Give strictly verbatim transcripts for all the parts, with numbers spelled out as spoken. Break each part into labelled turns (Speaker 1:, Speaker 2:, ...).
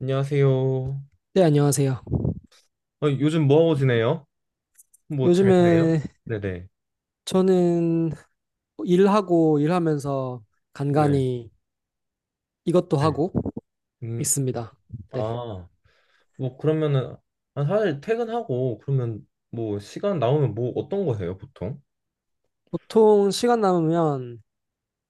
Speaker 1: 안녕하세요.
Speaker 2: 네, 안녕하세요.
Speaker 1: 어, 요즘 뭐하고 지내요? 뭐 잘 지내요?
Speaker 2: 요즘에
Speaker 1: 네네.
Speaker 2: 저는 일하고 일하면서
Speaker 1: 네.
Speaker 2: 간간히 이것도
Speaker 1: 네.
Speaker 2: 하고
Speaker 1: 음,
Speaker 2: 있습니다. 네.
Speaker 1: 아, 뭐 그러면은 아, 사실 퇴근하고 그러면 뭐 시간 나오면 뭐 어떤 거 해요, 보통?
Speaker 2: 보통 시간 남으면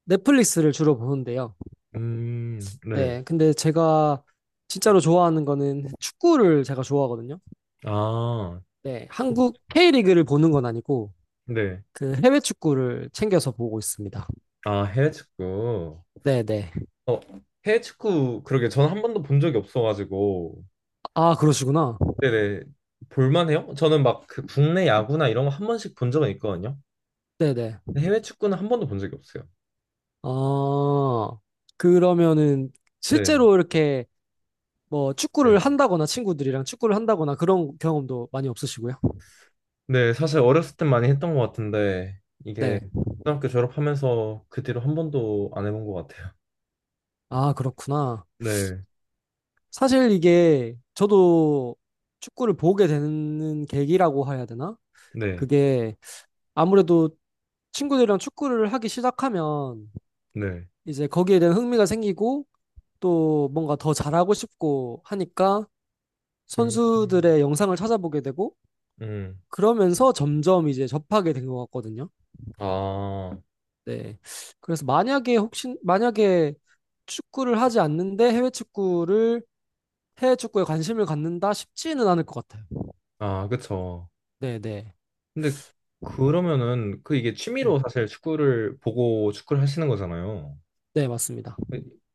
Speaker 2: 넷플릭스를 주로 보는데요.
Speaker 1: 음, 네.
Speaker 2: 네. 근데 제가 진짜로 좋아하는 거는 축구를 제가 좋아하거든요.
Speaker 1: 아,
Speaker 2: 네. 한국 케이 리그를 보는 건 아니고
Speaker 1: 네.
Speaker 2: 그 해외 축구를 챙겨서 보고 있습니다.
Speaker 1: 아, 해외 축구.
Speaker 2: 네, 네.
Speaker 1: 어, 해외 축구 그러게 저는 한 번도 본 적이 없어가지고.
Speaker 2: 아, 그러시구나.
Speaker 1: 네네. 볼만해요? 저는 막 그 국내 야구나 이런 거 한 번씩 본 적은 있거든요.
Speaker 2: 네, 네.
Speaker 1: 해외 축구는 한 번도 본 적이 없어요.
Speaker 2: 아, 그러면은
Speaker 1: 네.
Speaker 2: 실제로 이렇게 뭐 축구를 한다거나 친구들이랑 축구를 한다거나 그런 경험도 많이 없으시고요?
Speaker 1: 네, 사실 어렸을 땐 많이 했던 것 같은데 이게
Speaker 2: 네.
Speaker 1: 고등학교 졸업하면서 그 뒤로 한 번도 안 해본 것 같아요.
Speaker 2: 아, 그렇구나.
Speaker 1: 네,
Speaker 2: 사실 이게 저도 축구를 보게 되는 계기라고 해야 되나?
Speaker 1: 네,
Speaker 2: 그게 아무래도 친구들이랑 축구를 하기 시작하면
Speaker 1: 네.
Speaker 2: 이제 거기에 대한 흥미가 생기고 또 뭔가 더 잘하고 싶고 하니까
Speaker 1: 음,
Speaker 2: 선수들의 영상을 찾아보게 되고
Speaker 1: 음.
Speaker 2: 그러면서 점점 이제 접하게 된 것 같거든요.
Speaker 1: 아,
Speaker 2: 네. 그래서 만약에 혹시 만약에 축구를 하지 않는데 해외 축구를 해외 축구에 관심을 갖는다 싶지는 않을 것 같아요.
Speaker 1: 아, 그쵸.
Speaker 2: 네, 네.
Speaker 1: 근데 그러면은 그 이게
Speaker 2: 네.
Speaker 1: 취미로 사실 축구를 보고 축구를 하시는 거잖아요.
Speaker 2: 네, 맞습니다.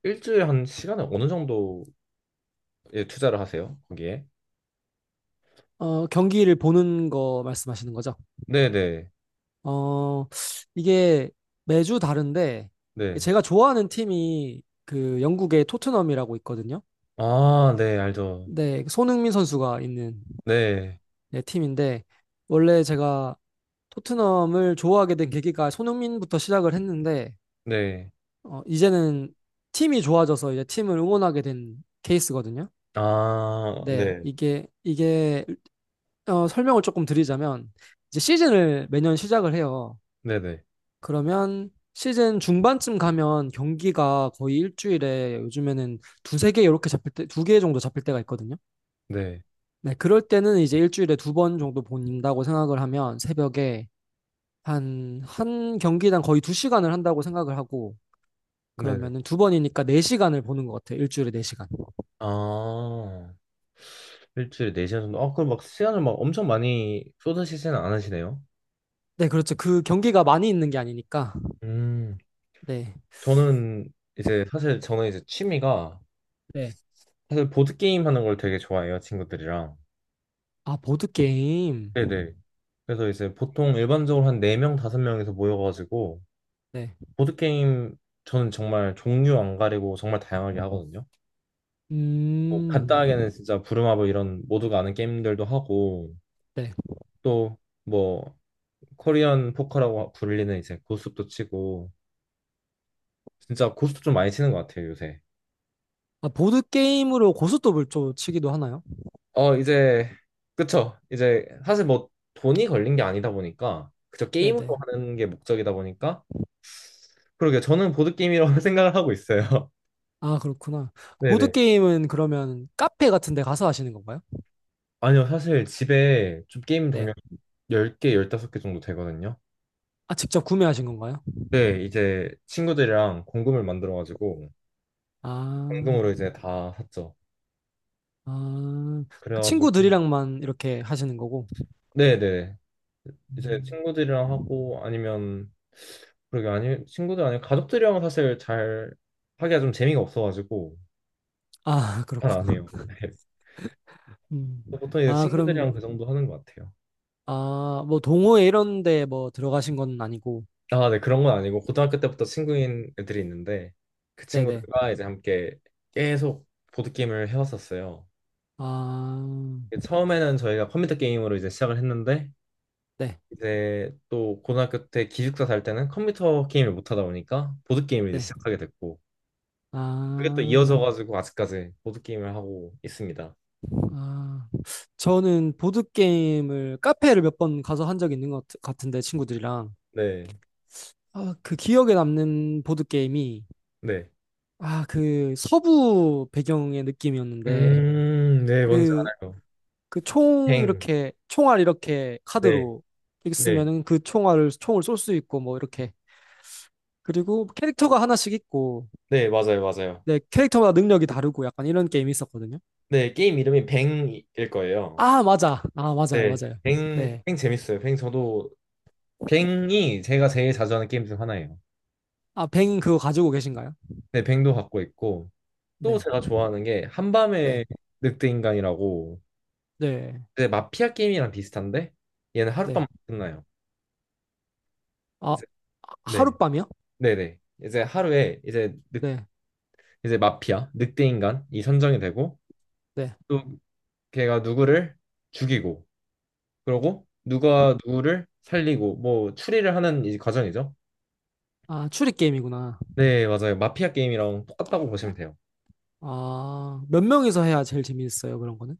Speaker 1: 일주일에 한 시간에 어느 정도에 투자를 하세요? 거기에?
Speaker 2: 어, 경기를 보는 거 말씀하시는 거죠?
Speaker 1: 네네,
Speaker 2: 어, 이게 매주 다른데
Speaker 1: 네.
Speaker 2: 제가 좋아하는 팀이 그 영국의 토트넘이라고 있거든요.
Speaker 1: 아, 네, 알죠.
Speaker 2: 네, 그 손흥민 선수가 있는
Speaker 1: 네,
Speaker 2: 네, 팀인데 원래 제가 토트넘을 좋아하게 된 계기가 손흥민부터 시작을 했는데
Speaker 1: 네.
Speaker 2: 어, 이제는 팀이 좋아져서 이제 팀을 응원하게 된 케이스거든요.
Speaker 1: 아,
Speaker 2: 네,
Speaker 1: 네,
Speaker 2: 이게, 이게, 어, 설명을 조금 드리자면, 이제 시즌을 매년 시작을 해요.
Speaker 1: 네네, 네.
Speaker 2: 그러면 시즌 중반쯤 가면 경기가 거의 일주일에 요즘에는 두세 개 이렇게 잡힐 때, 두 개 정도 잡힐 때가 있거든요.
Speaker 1: 네.
Speaker 2: 네, 그럴 때는 이제 일주일에 두 번 정도 본다고 생각을 하면 새벽에 한, 한 경기당 거의 두 시간을 한다고 생각을 하고,
Speaker 1: 네.
Speaker 2: 그러면은 두 번이니까 네 시간을 보는 것 같아요. 일주일에 네 시간.
Speaker 1: 아, 일주일에 네 시간 정도? 아, 그럼 막 시간을 막 엄청 많이 쏟으시지는 않으시네요?
Speaker 2: 네, 그렇죠. 그 경기가 많이 있는 게 아니니까.
Speaker 1: 음,
Speaker 2: 네.
Speaker 1: 저는 이제 사실 저는 이제 취미가
Speaker 2: 네.
Speaker 1: 사실 보드게임 하는 걸 되게 좋아해요, 친구들이랑.
Speaker 2: 아, 보드게임.
Speaker 1: 네네. 그래서 이제 보통 일반적으로 한 네 명, 다섯 명에서 모여가지고
Speaker 2: 네.
Speaker 1: 보드게임 저는 정말 종류 안 가리고 정말 다양하게 하거든요. 뭐
Speaker 2: 음.
Speaker 1: 간단하게는 진짜 부루마블 이런 모두가 아는 게임들도 하고
Speaker 2: 네.
Speaker 1: 또뭐 코리안 포커라고 불리는 이제 고스톱도 치고 진짜 고스톱 좀 많이 치는 것 같아요 요새.
Speaker 2: 아, 보드게임으로 고스톱을 좀 치기도 하나요?
Speaker 1: 어 이제 그쵸 이제 사실 뭐 돈이 걸린 게 아니다 보니까 그저 게임으로
Speaker 2: 네네.
Speaker 1: 하는 게 목적이다 보니까 그러게 저는 보드 게임이라고 생각을 하고 있어요.
Speaker 2: 아, 그렇구나.
Speaker 1: 네네.
Speaker 2: 보드게임은 그러면 카페 같은 데 가서 하시는 건가요?
Speaker 1: 아니요 사실 집에 좀 게임 종류
Speaker 2: 네.
Speaker 1: 열 개 열다섯 개 정도 되거든요.
Speaker 2: 아, 직접 구매하신 건가요?
Speaker 1: 네 이제 친구들이랑 공금을 만들어가지고
Speaker 2: 아,
Speaker 1: 공금으로 이제 다 샀죠.
Speaker 2: 아. 그
Speaker 1: 그래가지고
Speaker 2: 친구들이랑만 이렇게 하시는 거고.
Speaker 1: 네네 이제
Speaker 2: 음.
Speaker 1: 친구들이랑 하고 아니면 그러게 아니 친구들 아니면 가족들이랑 사실 잘 하기가 좀 재미가 없어가지고
Speaker 2: 아,
Speaker 1: 잘
Speaker 2: 그렇구나.
Speaker 1: 안 해요.
Speaker 2: 음.
Speaker 1: 보통 이제
Speaker 2: 아,
Speaker 1: 친구들이랑
Speaker 2: 그럼,
Speaker 1: 그 정도 하는 것 같아요.
Speaker 2: 아, 뭐 동호회 이런 데 뭐 들어가신 건 아니고.
Speaker 1: 아, 네 그런 건 아니고 고등학교 때부터 친구인 애들이 있는데 그
Speaker 2: 네네.
Speaker 1: 친구들과 이제 함께 계속 보드 게임을 해왔었어요.
Speaker 2: 아,
Speaker 1: 처음에는 저희가 컴퓨터 게임으로 이제 시작을 했는데
Speaker 2: 네,
Speaker 1: 이제 또 고등학교 때 기숙사 살 때는 컴퓨터 게임을 못 하다 보니까 보드 게임을 이제
Speaker 2: 네.
Speaker 1: 시작하게 됐고. 그게 또 이어져
Speaker 2: 아,
Speaker 1: 가지고 아직까지 보드 게임을 하고 있습니다.
Speaker 2: 아. 저는 보드게임을 카페를 몇 번 가서 한 적이 있는 것 같- 같은데, 친구들이랑.
Speaker 1: 네.
Speaker 2: 아, 그 기억에 남는 보드게임이,
Speaker 1: 네.
Speaker 2: 아, 그 서부 배경의 느낌이었는데,
Speaker 1: 음, 네, 뭔지
Speaker 2: 그,
Speaker 1: 알아요.
Speaker 2: 그 총
Speaker 1: 뱅.
Speaker 2: 이렇게, 총알 이렇게
Speaker 1: 네.
Speaker 2: 카드로 이렇게
Speaker 1: 네.
Speaker 2: 쓰면은 그 총알을, 총을 쏠 수 있고, 뭐, 이렇게. 그리고 캐릭터가 하나씩 있고,
Speaker 1: 네, 맞아요. 맞아요.
Speaker 2: 네, 캐릭터마다 능력이 다르고, 약간 이런 게임이 있었거든요.
Speaker 1: 네, 게임 이름이 뱅일 거예요.
Speaker 2: 아, 맞아. 아, 맞아요.
Speaker 1: 네.
Speaker 2: 맞아요.
Speaker 1: 뱅,
Speaker 2: 네.
Speaker 1: 뱅 재밌어요. 뱅 저도 뱅이 제가 제일 자주 하는 게임 중 하나예요.
Speaker 2: 아, 뱅 그거 가지고 계신가요?
Speaker 1: 네, 뱅도 갖고 있고 또
Speaker 2: 네.
Speaker 1: 제가 좋아하는 게
Speaker 2: 네.
Speaker 1: 한밤의 늑대인간이라고
Speaker 2: 네.
Speaker 1: 이제 마피아 게임이랑 비슷한데 얘는 하룻밤
Speaker 2: 네.
Speaker 1: 끝나요.
Speaker 2: 아,
Speaker 1: 이제 네.
Speaker 2: 하룻밤이요?
Speaker 1: 네네. 이제 하루에 이제
Speaker 2: 네.
Speaker 1: 이제 마피아, 늑대 인간이 선정이 되고
Speaker 2: 네.
Speaker 1: 또 걔가 누구를 죽이고 그러고 누가 누구를 살리고 뭐 추리를 하는 이 과정이죠.
Speaker 2: 아, 추리 게임이구나.
Speaker 1: 네, 맞아요. 마피아 게임이랑 똑같다고 보시면 돼요.
Speaker 2: 아, 몇 명이서 해야 제일 재밌어요. 그런 거는.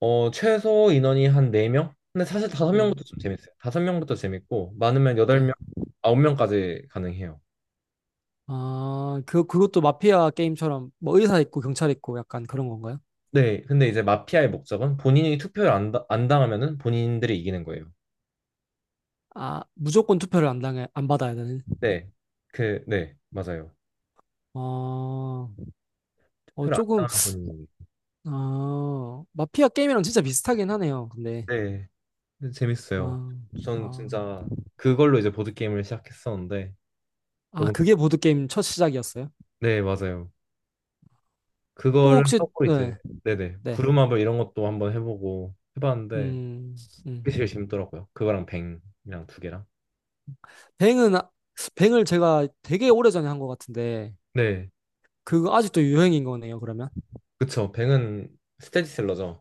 Speaker 1: 어, 최소 인원이 한 네 명? 근데 사실
Speaker 2: 네.
Speaker 1: 다섯 명부터 좀 재밌어요. 다섯 명부터 재밌고 많으면
Speaker 2: 네.
Speaker 1: 여덟 명, 아홉 명까지 가능해요.
Speaker 2: 아, 그 그것도 마피아 게임처럼 뭐 의사 있고 경찰 있고 약간 그런 건가요?
Speaker 1: 네, 근데 이제 마피아의 목적은 본인이 투표를 안, 다- 안 당하면은 본인들이 이기는 거예요.
Speaker 2: 아, 무조건 투표를 안 당해 안 받아야 되는.
Speaker 1: 네, 그, 네, 맞아요.
Speaker 2: 어, 어
Speaker 1: 투표를 안
Speaker 2: 조금
Speaker 1: 당하면 본인이.
Speaker 2: 어, 마피아 게임이랑 진짜 비슷하긴 하네요. 근데
Speaker 1: 네. 근데 재밌어요.
Speaker 2: 아,
Speaker 1: 전
Speaker 2: 아.
Speaker 1: 진짜 그걸로 이제 보드게임을 시작했었는데
Speaker 2: 아,
Speaker 1: 너무 재-
Speaker 2: 그게 보드게임 첫 시작이었어요?
Speaker 1: 네, 맞아요.
Speaker 2: 또
Speaker 1: 그거를
Speaker 2: 혹시,
Speaker 1: 하고 이제
Speaker 2: 네,
Speaker 1: 네네
Speaker 2: 네.
Speaker 1: 부루마블 이런 것도 한번 해보고 해봤는데
Speaker 2: 음, 음.
Speaker 1: 그게 제일 재밌더라고요. 그거랑 뱅이랑 두 개랑
Speaker 2: 뱅은, 아- 뱅을 제가 되게 오래전에 한 것 같은데,
Speaker 1: 네
Speaker 2: 그거 아직도 유행인 거네요, 그러면?
Speaker 1: 그쵸 뱅은 스테디셀러죠.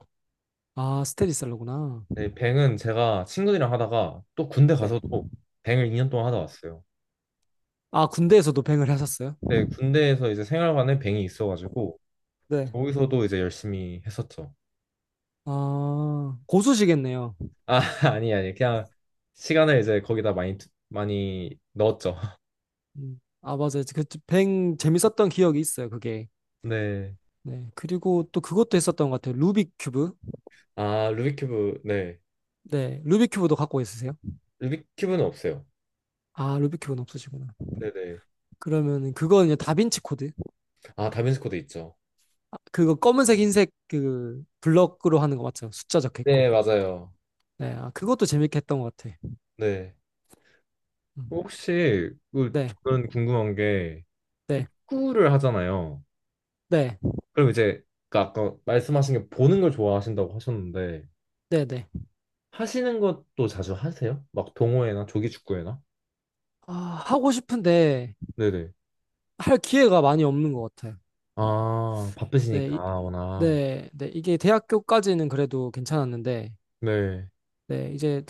Speaker 2: 아, 스테디셀러구나.
Speaker 1: 네 뱅은 제가 친구들이랑 하다가 또 군대
Speaker 2: 네.
Speaker 1: 가서도 뱅을 이 년 동안 하다 왔어요.
Speaker 2: 아, 군대에서도 뱅을 하셨어요?
Speaker 1: 네 군대에서 이제 생활관에 뱅이 있어가지고
Speaker 2: 네.
Speaker 1: 거기서도 이제 열심히 했었죠.
Speaker 2: 아, 고수시겠네요.
Speaker 1: 아, 아니, 아니. 그냥 시간을 이제 거기다 많이, 투- 많이 넣었죠.
Speaker 2: 음. 아, 맞아요. 그, 뱅 재밌었던 기억이 있어요, 그게.
Speaker 1: 네.
Speaker 2: 네. 그리고 또 그것도 했었던 것 같아요. 루빅 큐브.
Speaker 1: 아, 루비큐브. 네.
Speaker 2: 네. 루빅 큐브도 갖고 있으세요?
Speaker 1: 루비큐브는 없어요.
Speaker 2: 아, 루빅 큐브는 없으시구나.
Speaker 1: 네네.
Speaker 2: 그러면 그건 이제 다빈치 코드.
Speaker 1: 아, 다빈치 코드 있죠.
Speaker 2: 그거 검은색 흰색 그 블럭으로 하는 거 맞죠? 숫자 적혀있고.
Speaker 1: 네, 맞아요.
Speaker 2: 네, 아, 그것도 재밌게 했던 것 같아.
Speaker 1: 네.
Speaker 2: 음,
Speaker 1: 혹시, 그,
Speaker 2: 네,
Speaker 1: 저는 궁금한 게,
Speaker 2: 네,
Speaker 1: 축구를 하잖아요.
Speaker 2: 네,
Speaker 1: 그럼 이제, 그 아까 말씀하신 게 보는 걸 좋아하신다고 하셨는데,
Speaker 2: 네, 네.
Speaker 1: 하시는 것도 자주 하세요? 막 동호회나 조기 축구회나?
Speaker 2: 아, 하고 싶은데
Speaker 1: 네네.
Speaker 2: 할 기회가 많이 없는 것 같아요.
Speaker 1: 아,
Speaker 2: 네, 이,
Speaker 1: 바쁘시니까, 워낙.
Speaker 2: 네, 네. 이게 대학교까지는 그래도 괜찮았는데,
Speaker 1: 네.
Speaker 2: 네, 이제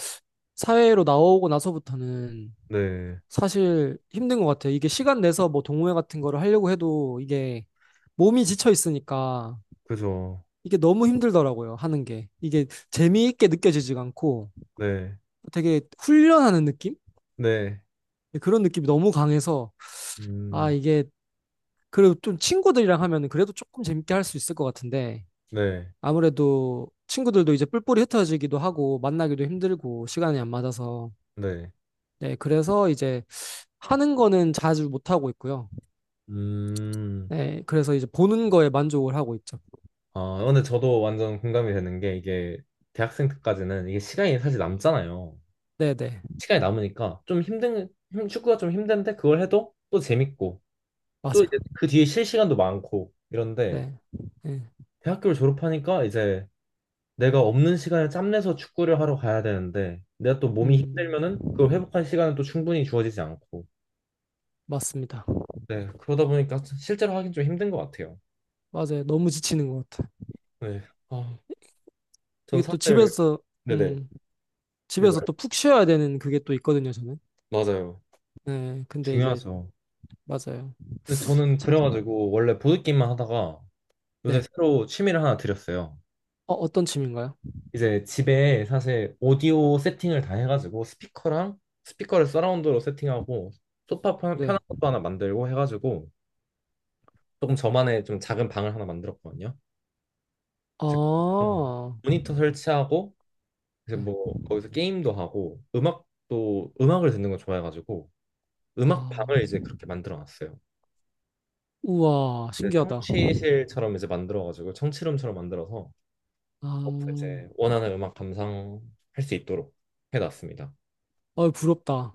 Speaker 2: 사회로 나오고 나서부터는
Speaker 1: 네.
Speaker 2: 사실 힘든 것 같아요. 이게 시간 내서 뭐 동호회 같은 거를 하려고 해도 이게 몸이 지쳐 있으니까
Speaker 1: 그죠.
Speaker 2: 이게 너무 힘들더라고요, 하는 게. 이게 재미있게 느껴지지가 않고
Speaker 1: 네,
Speaker 2: 되게 훈련하는 느낌?
Speaker 1: 네,
Speaker 2: 그런 느낌이 너무 강해서, 아,
Speaker 1: 음,
Speaker 2: 이게, 그리고 좀 친구들이랑 하면 그래도 조금 재밌게 할 수 있을 것 같은데,
Speaker 1: 네,
Speaker 2: 아무래도 친구들도 이제 뿔뿔이 흩어지기도 하고, 만나기도 힘들고, 시간이 안 맞아서.
Speaker 1: 네,
Speaker 2: 네, 그래서 이제 하는 거는 자주 못 하고 있고요.
Speaker 1: 음,
Speaker 2: 네, 그래서 이제 보는 거에 만족을 하고 있죠.
Speaker 1: 아, 근데 저도 완전 공감이 되는 게 이게 대학생 때까지는 이게 시간이 사실 남잖아요.
Speaker 2: 네네,
Speaker 1: 시간이 남으니까 좀 힘든, 힘- 축구가 좀 힘든데 그걸 해도 또 재밌고 또 이제
Speaker 2: 맞아요.
Speaker 1: 그 뒤에 쉴 시간도 많고 이런데
Speaker 2: 네, 네,
Speaker 1: 대학교를 졸업하니까 이제 내가 없는 시간을 짬내서 축구를 하러 가야 되는데 내가 또 몸이
Speaker 2: 음,
Speaker 1: 힘들면은 그걸 회복할 시간은 또 충분히 주어지지 않고
Speaker 2: 맞습니다.
Speaker 1: 네, 그러다 보니까 실제로 하긴 좀 힘든 것 같아요.
Speaker 2: 맞아요. 너무 지치는 것 같아요.
Speaker 1: 네. 아. 전
Speaker 2: 이게 또
Speaker 1: 사실
Speaker 2: 집에서
Speaker 1: 네네
Speaker 2: 음,
Speaker 1: 네
Speaker 2: 집에서
Speaker 1: 말-
Speaker 2: 또 푹 쉬어야 되는 그게 또 있거든요, 저는.
Speaker 1: 맞아요.
Speaker 2: 네, 근데 이제
Speaker 1: 중요하죠.
Speaker 2: 맞아요.
Speaker 1: 근데 저는
Speaker 2: 참,
Speaker 1: 그래가지고 원래 보드게임만 하다가 요새
Speaker 2: 네.
Speaker 1: 새로 취미를 하나 들였어요.
Speaker 2: 어, 어떤 취미인가요?
Speaker 1: 이제 집에 사실 오디오 세팅을 다 해가지고 스피커랑 스피커를 서라운드로 세팅하고 소파 편- 편한
Speaker 2: 네.
Speaker 1: 것도 하나 만들고 해가지고 조금 저만의 좀 작은 방을 하나 만들었거든요.
Speaker 2: 아,
Speaker 1: 그래서 어, 모니터 설치하고 이제
Speaker 2: 네.
Speaker 1: 뭐 거기서 게임도 하고 음악도 음악을 듣는 거 좋아해가지고 음악
Speaker 2: 아,
Speaker 1: 방을 이제 그렇게 만들어 놨어요.
Speaker 2: 우와,
Speaker 1: 그
Speaker 2: 신기하다.
Speaker 1: 청취실처럼 이제 만들어가지고 청취룸처럼 만들어서
Speaker 2: 아,
Speaker 1: 거기서 이제 원하는 음악 감상할 수 있도록 해놨습니다.
Speaker 2: 어, 부럽다.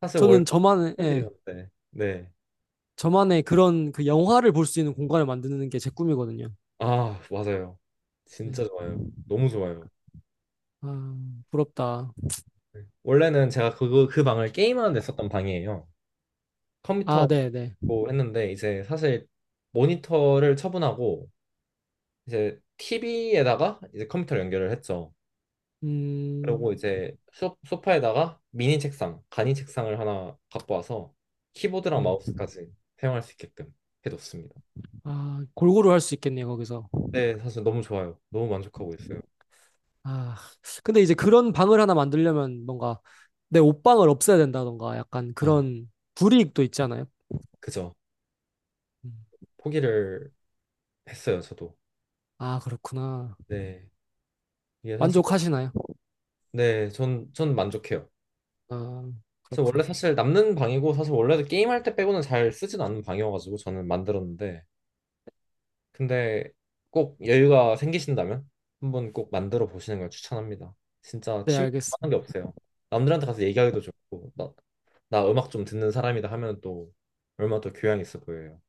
Speaker 1: 사실 원래
Speaker 2: 저는 저만의, 예,
Speaker 1: 사무실이었는데 네.
Speaker 2: 저만의 그런 그 영화를 볼 수 있는 공간을 만드는 게 제 꿈이거든요.
Speaker 1: 아 맞아요.
Speaker 2: 네.
Speaker 1: 진짜 좋아요. 너무 좋아요.
Speaker 2: 아, 부럽다.
Speaker 1: 네. 원래는 제가 그, 그 방을 게임하는 데 썼던 방이에요.
Speaker 2: 아,
Speaker 1: 컴퓨터로
Speaker 2: 네, 네.
Speaker 1: 했는데 이제 사실 모니터를 처분하고 이제 티비에다가 이제 컴퓨터를 연결을 했죠. 그리고
Speaker 2: 음,
Speaker 1: 이제 소, 소파에다가 미니 책상, 간이 책상을 하나 갖고 와서 키보드랑
Speaker 2: 음.
Speaker 1: 마우스까지 사용할 수 있게끔 해뒀습니다.
Speaker 2: 아, 골고루 할 수 있겠네요, 거기서.
Speaker 1: 네, 사실 너무 좋아요. 너무 만족하고 있어요.
Speaker 2: 아, 근데 이제 그런 방을 하나 만들려면 뭔가 내 옷방을 없애야 된다던가 약간
Speaker 1: 아,
Speaker 2: 그런 불이익도 있잖아요.
Speaker 1: 그죠.
Speaker 2: 음.
Speaker 1: 포기를 했어요, 저도.
Speaker 2: 아, 그렇구나.
Speaker 1: 네, 이게 사실,
Speaker 2: 만족하시나요?
Speaker 1: 네, 전, 전 만족해요.
Speaker 2: 아,
Speaker 1: 저 원래
Speaker 2: 그렇군.
Speaker 1: 사실 남는 방이고, 사실 원래도 게임할 때 빼고는 잘 쓰진 않는 방이어가지고 저는 만들었는데, 근데 꼭 여유가 생기신다면 한번 꼭 만들어 보시는 걸 추천합니다. 진짜
Speaker 2: 네,
Speaker 1: 취미하는 게
Speaker 2: 알겠습니다.
Speaker 1: 없어요. 남들한테 가서 얘기하기도 좋고 나, 나 음악 좀 듣는 사람이다 하면 또 얼마나 또 교양 있어 보여요.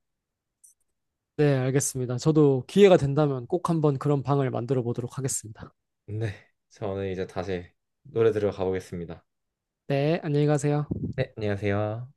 Speaker 2: 네, 알겠습니다. 저도 기회가 된다면 꼭 한번 그런 방을 만들어 보도록 하겠습니다.
Speaker 1: 네, 저는 이제 다시 노래 들으러 가보겠습니다.
Speaker 2: 네, 안녕히 가세요.
Speaker 1: 네, 안녕하세요.